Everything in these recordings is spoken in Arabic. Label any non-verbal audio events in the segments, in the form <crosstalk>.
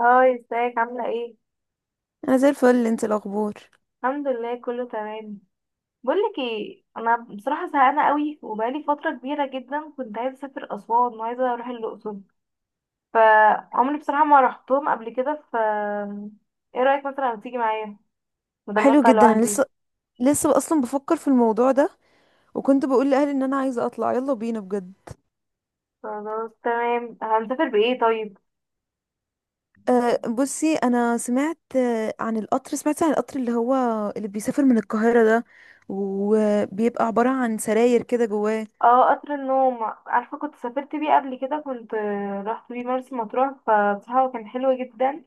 هاي، ازيك؟ عاملة ايه؟ انا زي الفل. انت الاخبار؟ الحمد لله، كله تمام. بقولك ايه، انا بصراحة زهقانة قوي وبقالي فترة كبيرة جدا كنت عايزة اسافر اسوان وعايزة اروح الاقصر. فعمري بصراحة ما رحتهم قبل كده. ايه رأيك مثلا لو تيجي معايا بدل ما حلو اطلع جدا. انا لوحدي؟ لسه اصلا بفكر في الموضوع ده، وكنت بقول لاهلي ان انا عايزه اطلع. يلا بينا بجد. خلاص تمام، هنسافر بايه طيب؟ أه، بصي، انا سمعت عن القطر. سمعت عن القطر اللي هو اللي بيسافر من القاهره ده، وبيبقى عباره عن سراير كده جواه. اه، قطر النوم، عارفة كنت سافرت بيه قبل كده. كنت رحت بيه مرسى مطروح فبصراحة هو كان حلو جدا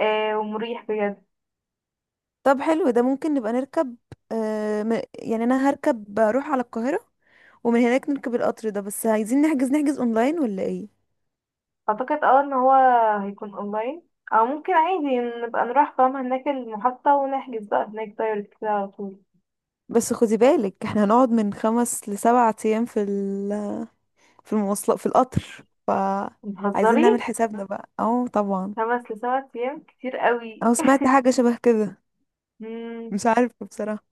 آه، ومريح بجد. طب حلو ده، ممكن نبقى نركب. أه، يعني انا هركب اروح على القاهره، ومن هناك نركب القطر ده. بس عايزين نحجز اونلاين ولا ايه؟ اعتقد اه ان هو هيكون اونلاين او ممكن عادي نبقى نروح، فاهمة، هناك المحطة ونحجز بقى هناك دايركت كده على طول. بس خدي بالك، احنا هنقعد من 5 ل7 ايام في المواصلات في القطر، فعايزين بتهزري؟ نعمل حسابنا بقى. اه طبعا. خمس لسبع ايام كتير قوي. اه، سمعت حاجة شبه كده. <laughs> مم، مش عارفة بصراحة.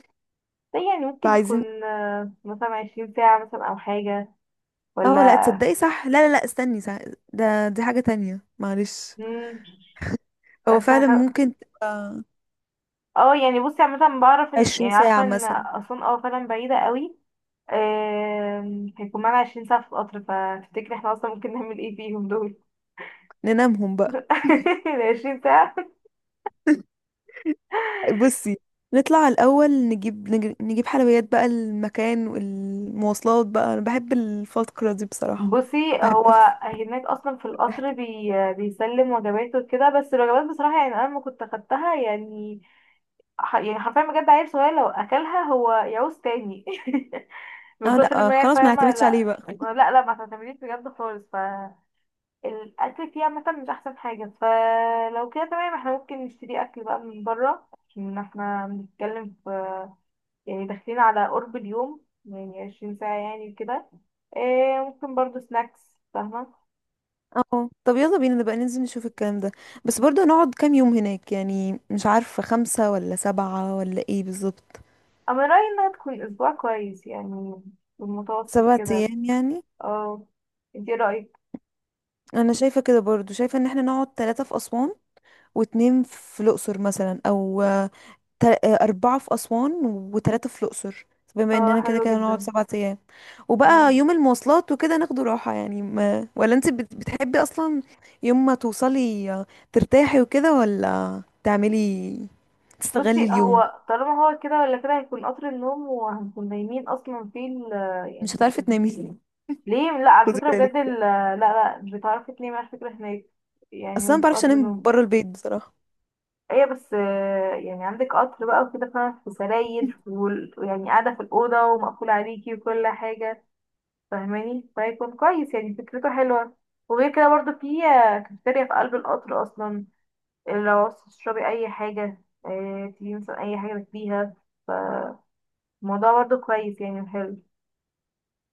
ده يعني ممكن فعايزين... تكون مثلا عشرين ساعة مثلا او حاجة، ولا؟ اه لا تصدقي، صح، لا لا لا استني، صح. ده دي حاجة تانية، معلش. مم، هو اصل فعلا خ- ممكن تبقى اه يعني بصي، عامة بعرف ان، عشرين يعني، عارفة ساعة ان مثلا. اسوان اه فعلا بعيدة قوي. آم، هيكون معانا عشرين ساعة في القطر، فتفتكري احنا اصلا ممكن نعمل ايه فيهم دول؟ ننامهم بقى. <laughs> <laughs> العشرين ساعة. بصي، نطلع الأول، نجيب حلويات بقى المكان والمواصلات بقى. أنا بحب الفترة دي بصراحة. بصي، بحب هو أف- هناك اصلا في القطر بيسلم وجباته وكده، بس الوجبات بصراحه يعني انا لما كنت اخدتها يعني حرفيا بجد عيل صغير لو اكلها هو يعوز تاني <laughs> من اه كتر لا، ما هي خلاص ما فاهمه. نعتمدش عليه لا، بقى. لا لا، ما تعتمديش بجد خالص. فالاكل فيها مثلا مش احسن حاجه، فلو كده تمام احنا ممكن نشتري اكل بقى من بره عشان احنا بنتكلم في، يعني، داخلين على قرب اليوم يعني 20 ساعة ساعه، يعني كده. إيه، ممكن برضو سناكس، فاهمه؟ اه طب يلا بينا، نبقى ننزل نشوف الكلام ده. بس برضه هنقعد كام يوم هناك يعني؟ مش عارفة، 5 ولا 7 ولا ايه بالظبط. انا رايي انها تكون اسبوع، كويس يعني، في المتوسط سبعة كده. ايام يعني اه، انت إيه رايك؟ انا شايفة كده، برضه شايفة ان احنا نقعد 3 في اسوان و2 في الاقصر مثلا، او 4 في اسوان و3 في الاقصر، بما اه، اننا كده حلو كده هنقعد جدا. 7 ايام. وبقى مم. يوم المواصلات وكده ناخده راحة يعني، ما، ولا انت بتحبي اصلا يوم ما توصلي ترتاحي وكده، ولا تعملي تستغلي بصي، اليوم؟ هو طالما هو كده ولا كده هيكون قطر النوم وهنكون نايمين اصلا في يعني مش هتعرفي ال- تنامي. <laughs> ليه؟ لا، على خدي فكره بالك، بجد لا لا، مش بتعرفي تنامي على فكره هناك، يعني اصلا ما وانت في بعرفش قطر انام النوم. بره البيت بصراحه. ايه بس يعني عندك قطر بقى وكده، فاهمة، في سراير <laughs> ويعني قاعده في الاوضه ومقفول عليكي وكل حاجه، فاهماني؟ فهيكون كويس يعني، فكرته حلوة. وغير كده برضو في كافيتيريا في قلب القطر أصلا. لو عاوزة تشربي أي حاجة، تجيبي مثلا أي حاجة تاكليها. فالموضوع برضو كويس، يعني حلو،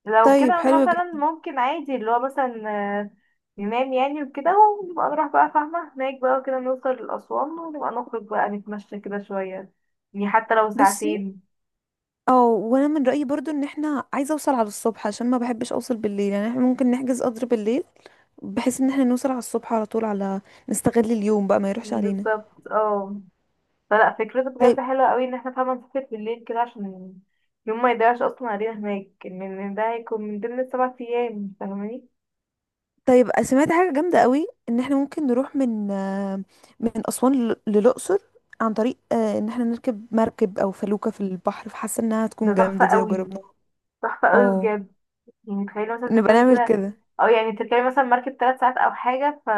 لو طيب كده حلو مثلا جدا. ممكن عادي اللي هو مثلا، آه، ننام يعني وكده، ونبقى نروح بقى، فاهمة، هناك بقى وكده نوصل لأسوان ونبقى نخرج بقى، نتمشى كده شوية، يعني حتى لو بصي، ساعتين. او وانا من رايي برضو ان احنا عايزه اوصل على الصبح، عشان ما بحبش اوصل بالليل. يعني احنا ممكن نحجز قدر بالليل بحيث ان احنا نوصل على الصبح على طول، على نستغل اليوم بقى، ما يروحش علينا. بالظبط، اه. فلا، فكرته طيب. بجد حلوة قوي ان احنا فعلا نسافر بالليل كده عشان يوم ما يضيعش اصلا علينا هناك، ان إن ده هيكون من ضمن السبع ايام، فاهماني. طيب سمعت حاجه جامده قوي ان احنا ممكن نروح من من اسوان للاقصر عن طريق ان احنا نركب مركب او فلوكه في البحر، فحاسه انها ده هتكون تحفة جامده دي لو قوي، جربناها. تحفة قوي اه، بجد. يعني تخيلي مثلا نبقى تركبي نعمل كده كده. او يعني تركبي مثلا مركب ثلاث ساعات او حاجة،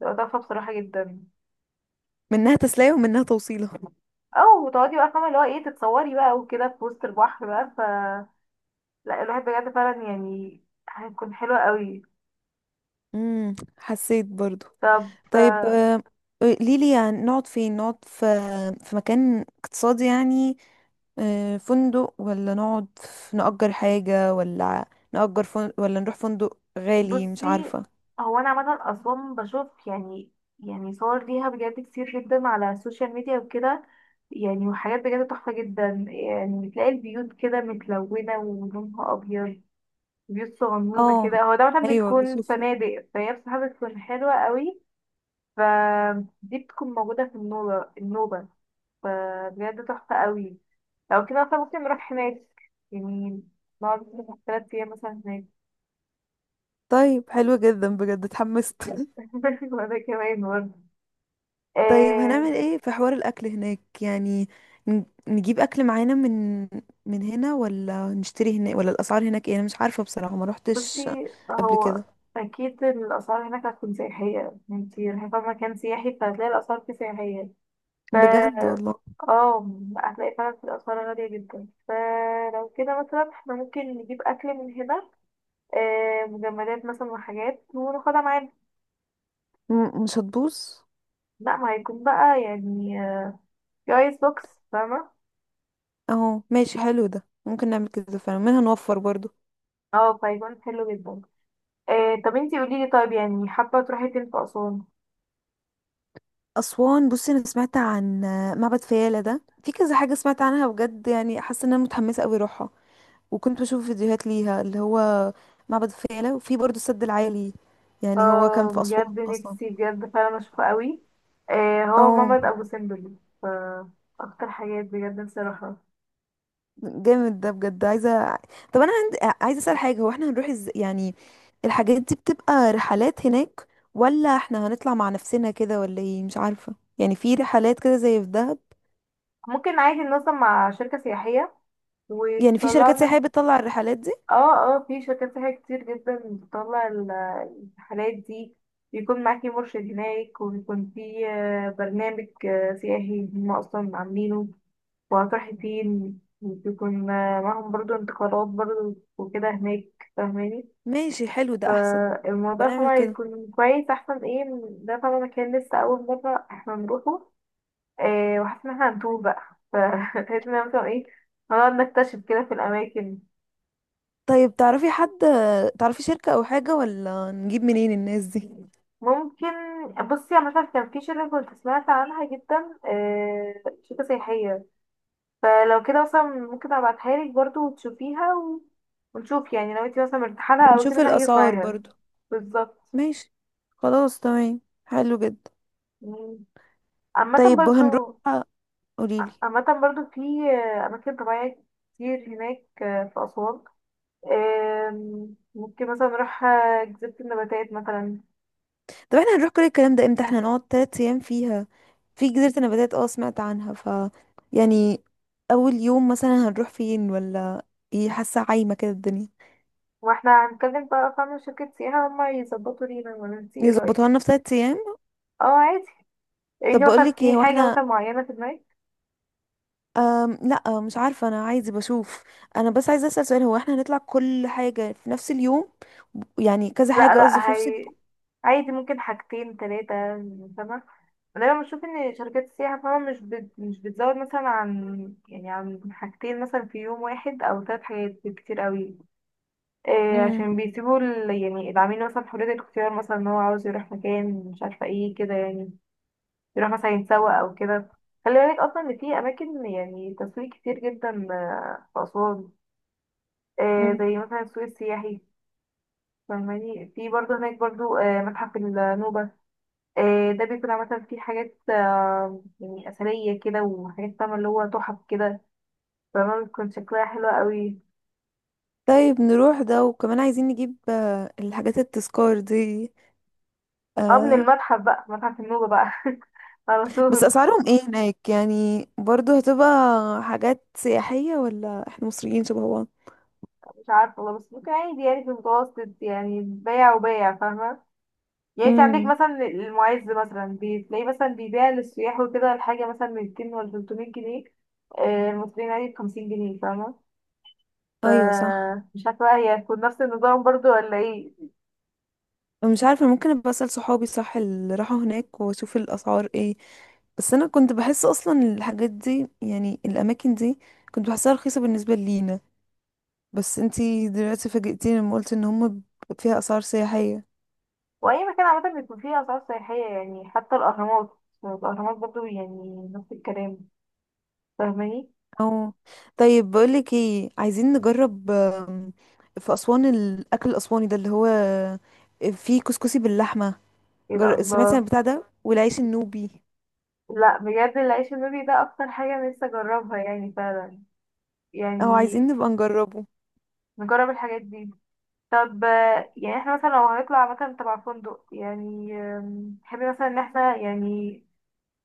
تبقى تحفة بصراحة جدا. منها تسلية ومنها توصيلة. او تقعدي بقى، فاهمة، اللي هو ايه، تتصوري بقى وكده في وسط البحر بقى، لا، الواحد بجد فعلا يعني هيكون حلو قوي. حسيت برضو. طب، طيب، قوليلي يعني نقعد فين. نقعد في مكان اقتصادي يعني، فندق، ولا نقعد نأجر حاجة، ولا نأجر فندق، ولا نروح فندق غالي؟ مش بصي، عارفة. هو انا عامه اسوان بشوف، يعني، يعني صور ليها بجد كتير جدا على السوشيال ميديا وكده، يعني وحاجات بجد تحفه جدا. يعني بتلاقي البيوت كده متلونه ولونها ابيض، بيوت صغنونه اه كده، هو ده مثلا ايوه بتكون بشوف. فنادق، فهي بصراحه بتكون حلوه قوي. فدي بتكون موجوده في النوبه. فبجد تحفه قوي. لو كده مثلا ممكن نروح هناك، يعني نقعد مثلا تلات أيام مثلا هناك. طيب حلو جدا بجد، اتحمست. <laughs> <laughs> وأنا كمان برضه، طيب هنعمل آه. ايه في حوار الاكل هناك يعني؟ نجيب اكل معانا من هنا، ولا نشتري هناك، ولا الاسعار هناك ايه؟ انا مش عارفه بصراحه، ما بصي، روحتش قبل هو كده اكيد الاسعار هناك هتكون سياحيه، انتي رايحه في مكان سياحي فهتلاقي الاسعار فيه سياحيه. ف بجد والله. اه، هتلاقي فعلا في الاسعار غاليه جدا. فلو كده مثلا احنا ممكن نجيب اكل من هنا، مجمدات مثلا وحاجات وناخدها معانا. مش هتبوظ. لا، ما هيكون بقى في ايس بوكس، فاهمه. اهو ماشي، حلو ده، ممكن نعمل كده فعلا. منها نوفر برضو. اه، فهيكون حلو جدا. طب انتي قوليلي طيب، يعني حابه تروحي فين في اسوان؟ اسوان، بصي انا سمعت عن معبد فيلة ده، في كذا حاجه سمعت عنها بجد. يعني حاسه ان انا متحمسه قوي اروحها. وكنت بشوف فيديوهات ليها، اللي هو معبد فيلة، وفي برضو السد العالي. يعني هو كان اه، في اسوان بجد اصلا. نفسي بجد فعلا اشوفه قوي. آه، هو اه مامة ابو سمبل، ف اكتر حاجات بجد نفسي اروحها. جامد ده بجد، عايزه. طب انا عندي عايزه اسال حاجه، هو احنا هنروح ازاي يعني؟ الحاجات دي بتبقى رحلات هناك، ولا احنا هنطلع مع نفسنا كده، ولا ايه؟ مش عارفه. يعني في رحلات كده زي في دهب؟ ممكن عادي ننظم مع شركة سياحية يعني في شركات وتطلعنا. سياحيه بتطلع الرحلات دي؟ اه اه، في شركات سياحية كتير جدا بتطلع الرحلات دي. بيكون معاكي مرشد هناك وبيكون في برنامج سياحي هما اصلا عاملينه، وهتروحي فين، وبيكون معاهم برضو انتقالات برضو وكده هناك، فاهماني. ماشي حلو ده احسن. يبقى فالموضوع نعمل طبعا كده. يكون كويس، احسن ايه من ده طبعا، مكان لسه اول مرة احنا نروحه. إيه، وحاسة ان احنا هنتوه بقى، فحاسة <laughs> ان أنا مثلا ايه، هنقعد نكتشف كده في الاماكن. طيب تعرفي حد، تعرفي شركه او حاجه، ولا نجيب منين الناس دي؟ ممكن. بصي انا مش عارفة، كان في شركة كنت سمعت عنها جدا، إيه، شركة سياحية، فلو كده مثلا ممكن ابعتها لك برضه وتشوفيها و... ونشوف، يعني لو انتي مثلا مرتاحة لها او ونشوف كده انا هحجز الاسعار معاها. برضو. بالظبط. ماشي. خلاص تمام، حلو جدا. مم. عامة طيب هنروح، برضو، قوليلي. عامة برضو في أماكن طبيعية كتير هناك في أسوان. آم، ممكن مثلا نروح جزيرة النباتات مثلا. طب احنا هنروح كل الكلام ده امتى؟ احنا نقعد 3 ايام فيها في جزيرة النباتات. اه سمعت عنها. ف يعني اول يوم مثلا هنروح فين، ولا ايه؟ حاسة عايمة كده الدنيا. واحنا هنتكلم بقى، فاهمة، شركة سياحة هما يظبطوا لينا، ولا انتي ايه يظبطوها رأيك؟ لنا في 3 ايام. اه عادي. طب انتي مثلا بقولك ايه، في هو حاجة احنا، مثلا معينة في دماغك؟ لا مش عارفة، انا عايزة بشوف. انا بس عايزة اسأل سؤال، هو احنا هنطلع كل حاجة في نفس اليوم؟ يعني كذا لا حاجة قصدي في لا، نفس هي اليوم. عادي ممكن حاجتين تلاتة، فاهمة. دايما بشوف ان شركات السياحة، فاهمة، مش بتزود مثلا عن، يعني، عن حاجتين مثلا في يوم واحد او تلات حاجات بالكتير قوي. مم. عشان بيسيبوا يعني العميل مثلا حرية الاختيار، مثلا ان هو عاوز يروح مكان مش عارفة ايه كده يعني، يروح مثلا يتسوق او كده. خلي بالك اصلا ان في اماكن، يعني، تسويق كتير جدا في اسوان، مم. زي مثلا السوق السياحي. فاهماني، في برضه هناك برضه متحف النوبة، ده بيكون عامة فيه حاجات يعني أثرية كده وحاجات، فاهمة، اللي هو تحف كده، فاهمة، بتكون شكلها حلو قوي. طيب نروح ده، وكمان عايزين نجيب الحاجات التذكار دي. اه، من آه، المتحف بقى، متحف النوبة بقى <laughs> على بس طول. اسعارهم ايه هناك؟ يعني برضو هتبقى حاجات سياحية، ولا احنا مصريين شبه بعض؟ مش عارفة والله، بس ممكن عادي يعني، في المتوسط يعني، بيع وبيع، فاهمة. يعني انت عندك امم. مثلا المعز مثلا، بتلاقيه مثلا بيبيع للسياح وكده الحاجة مثلا من 200 ولا 300 جنيه، المصريين عادي بخمسين جنيه، فاهمة. ف ايوه صح. مش عارفة بقى هي هتكون نفس النظام برضو ولا ايه. مش عارفة، ممكن ابقى اسأل صحابي، صح، اللي راحوا هناك واشوف الاسعار ايه. بس انا كنت بحس اصلا الحاجات دي، يعني الاماكن دي، كنت بحسها رخيصة بالنسبة لينا. بس انتي دلوقتي فاجئتيني لما قلت ان هم فيها اسعار سياحية. وأي مكان عامة بيكون فيه أسعار سياحية، يعني حتى الأهرامات، الأهرامات برضو يعني نفس الكلام، فاهماني. اه. طيب بقولك ايه، عايزين نجرب في أسوان الأكل الأسواني ده اللي هو فيه كسكسي باللحمة. ايه ده، سمعتي عن الله. البتاع ده والعيش النوبي؟ لا بجد، العيش النوبي ده أكتر حاجة نفسي أجربها، يعني فعلا، او يعني عايزين نبقى نجربه. نجرب الحاجات دي. طب يعني احنا مثلا لو هنطلع مثلا تبع فندق، يعني آم، تحبي مثلا ان احنا، يعني،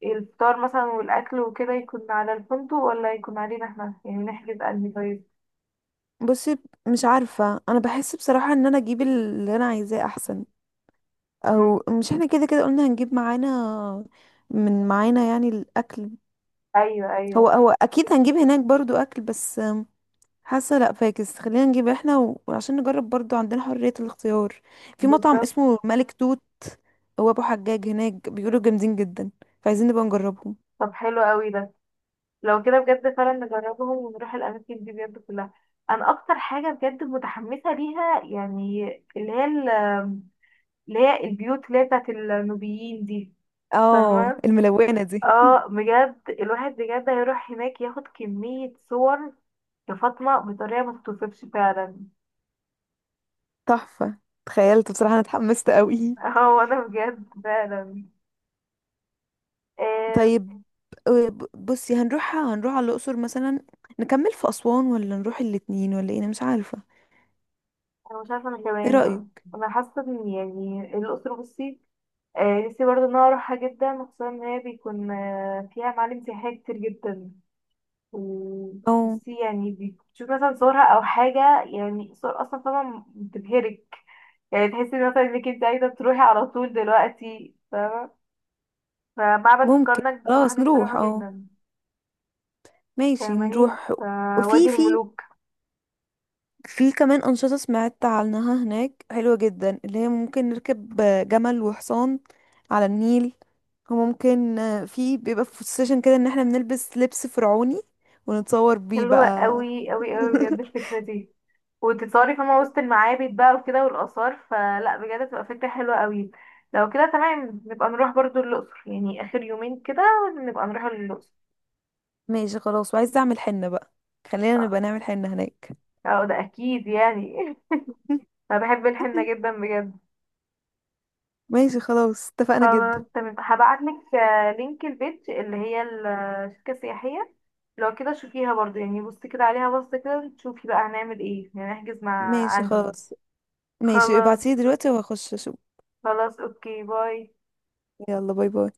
الفطار مثلا والاكل وكده يكون على الفندق ولا يكون علينا احنا، يعني نحجز انهي طيب؟ بصي مش عارفة، انا بحس بصراحة ان انا اجيب اللي انا عايزاه احسن. مم. او مش احنا كده كده قلنا هنجيب معانا، من معانا يعني الاكل. ايوه هو ايوه. هو اكيد هنجيب هناك برضو اكل، بس حاسه لا، فاكس خلينا نجيب احنا وعشان نجرب برضو، عندنا حريه الاختيار. في مطعم بالظبط. اسمه ملك توت، هو ابو حجاج هناك بيقولوا جامدين جدا، فعايزين نبقى نجربهم. طب حلو قوي ده، لو كده بجد فعلا نجربهم ونروح الاماكن دي بجد كلها. انا اكتر حاجه بجد متحمسه ليها يعني، اللي هي اللي هي البيوت اللي هي بتاعت النوبيين دي، اه فاهمه. الملونه دي. اه، بجد الواحد بجد هيروح هناك ياخد كمية صور يا فاطمة بطريقة ما تتوصفش فعلا. <laughs> تحفه. تخيلت بصراحه، انا اتحمست قوي. <laughs> اه، وانا بجد فعلا، آه. طيب بصي، هنروح على الاقصر مثلا، نكمل في اسوان، ولا نروح الاتنين، ولا ايه؟ انا مش عارفه. انا مش عارفة، انا ايه كمان، رايك؟ انا حاسة ان، يعني، الأقصر، بصي، آه، نفسي برضه ان انا اروحها جدا، خصوصا ان هي بيكون آه فيها معالم سياحية كتير جدا. اه وبصي، يعني بتشوف مثلا صورها او حاجة، يعني صور اصلا طبعا بتبهرك، يعني تحسي مثلا انك انت عايزة تروحي على طول دلوقتي. فمعبد ممكن، الكرنك بصراحة خلاص نفسي نروح أروحه اه، جدا، ماشي فاهماني. نروح. وادي وفي في الملوك. في كمان أنشطة سمعت عنها هناك حلوة جدا، اللي هي ممكن نركب جمل وحصان على النيل. وممكن في، بيبقى في السيشن كده ان احنا بنلبس لبس فرعوني، ونتصور بيه حلوة بقى. قوي قوي قوي <laughs> بجد الفكرة دي، وتتصوري فما وسط المعابد بقى وكده والآثار، فلا بجد تبقى فكرة حلوة قوي. لو كده تمام نبقى نروح برضو الأقصر، يعني آخر يومين كده نبقى نروح الأقصر. ماشي خلاص، وعايزة اعمل حنة بقى، خلينا اه، نبقى نعمل حنة هناك. ده أكيد يعني. <laughs> أنا بحب الحنة جدا <laughs> بجد. ماشي خلاص، اتفقنا جدا. خلاص تمام، هبعت لك لينك البيج اللي هي الشركة السياحية، لو كده شوفيها برضو، يعني بصي كده عليها، بصي كده تشوفي بقى هنعمل ايه، يعني نحجز مع ماشي انهي. خلاص. ماشي، خلاص، ابعتيلي دلوقتي وهخش اشوف. خلاص، اوكي، باي. يلا باي باي.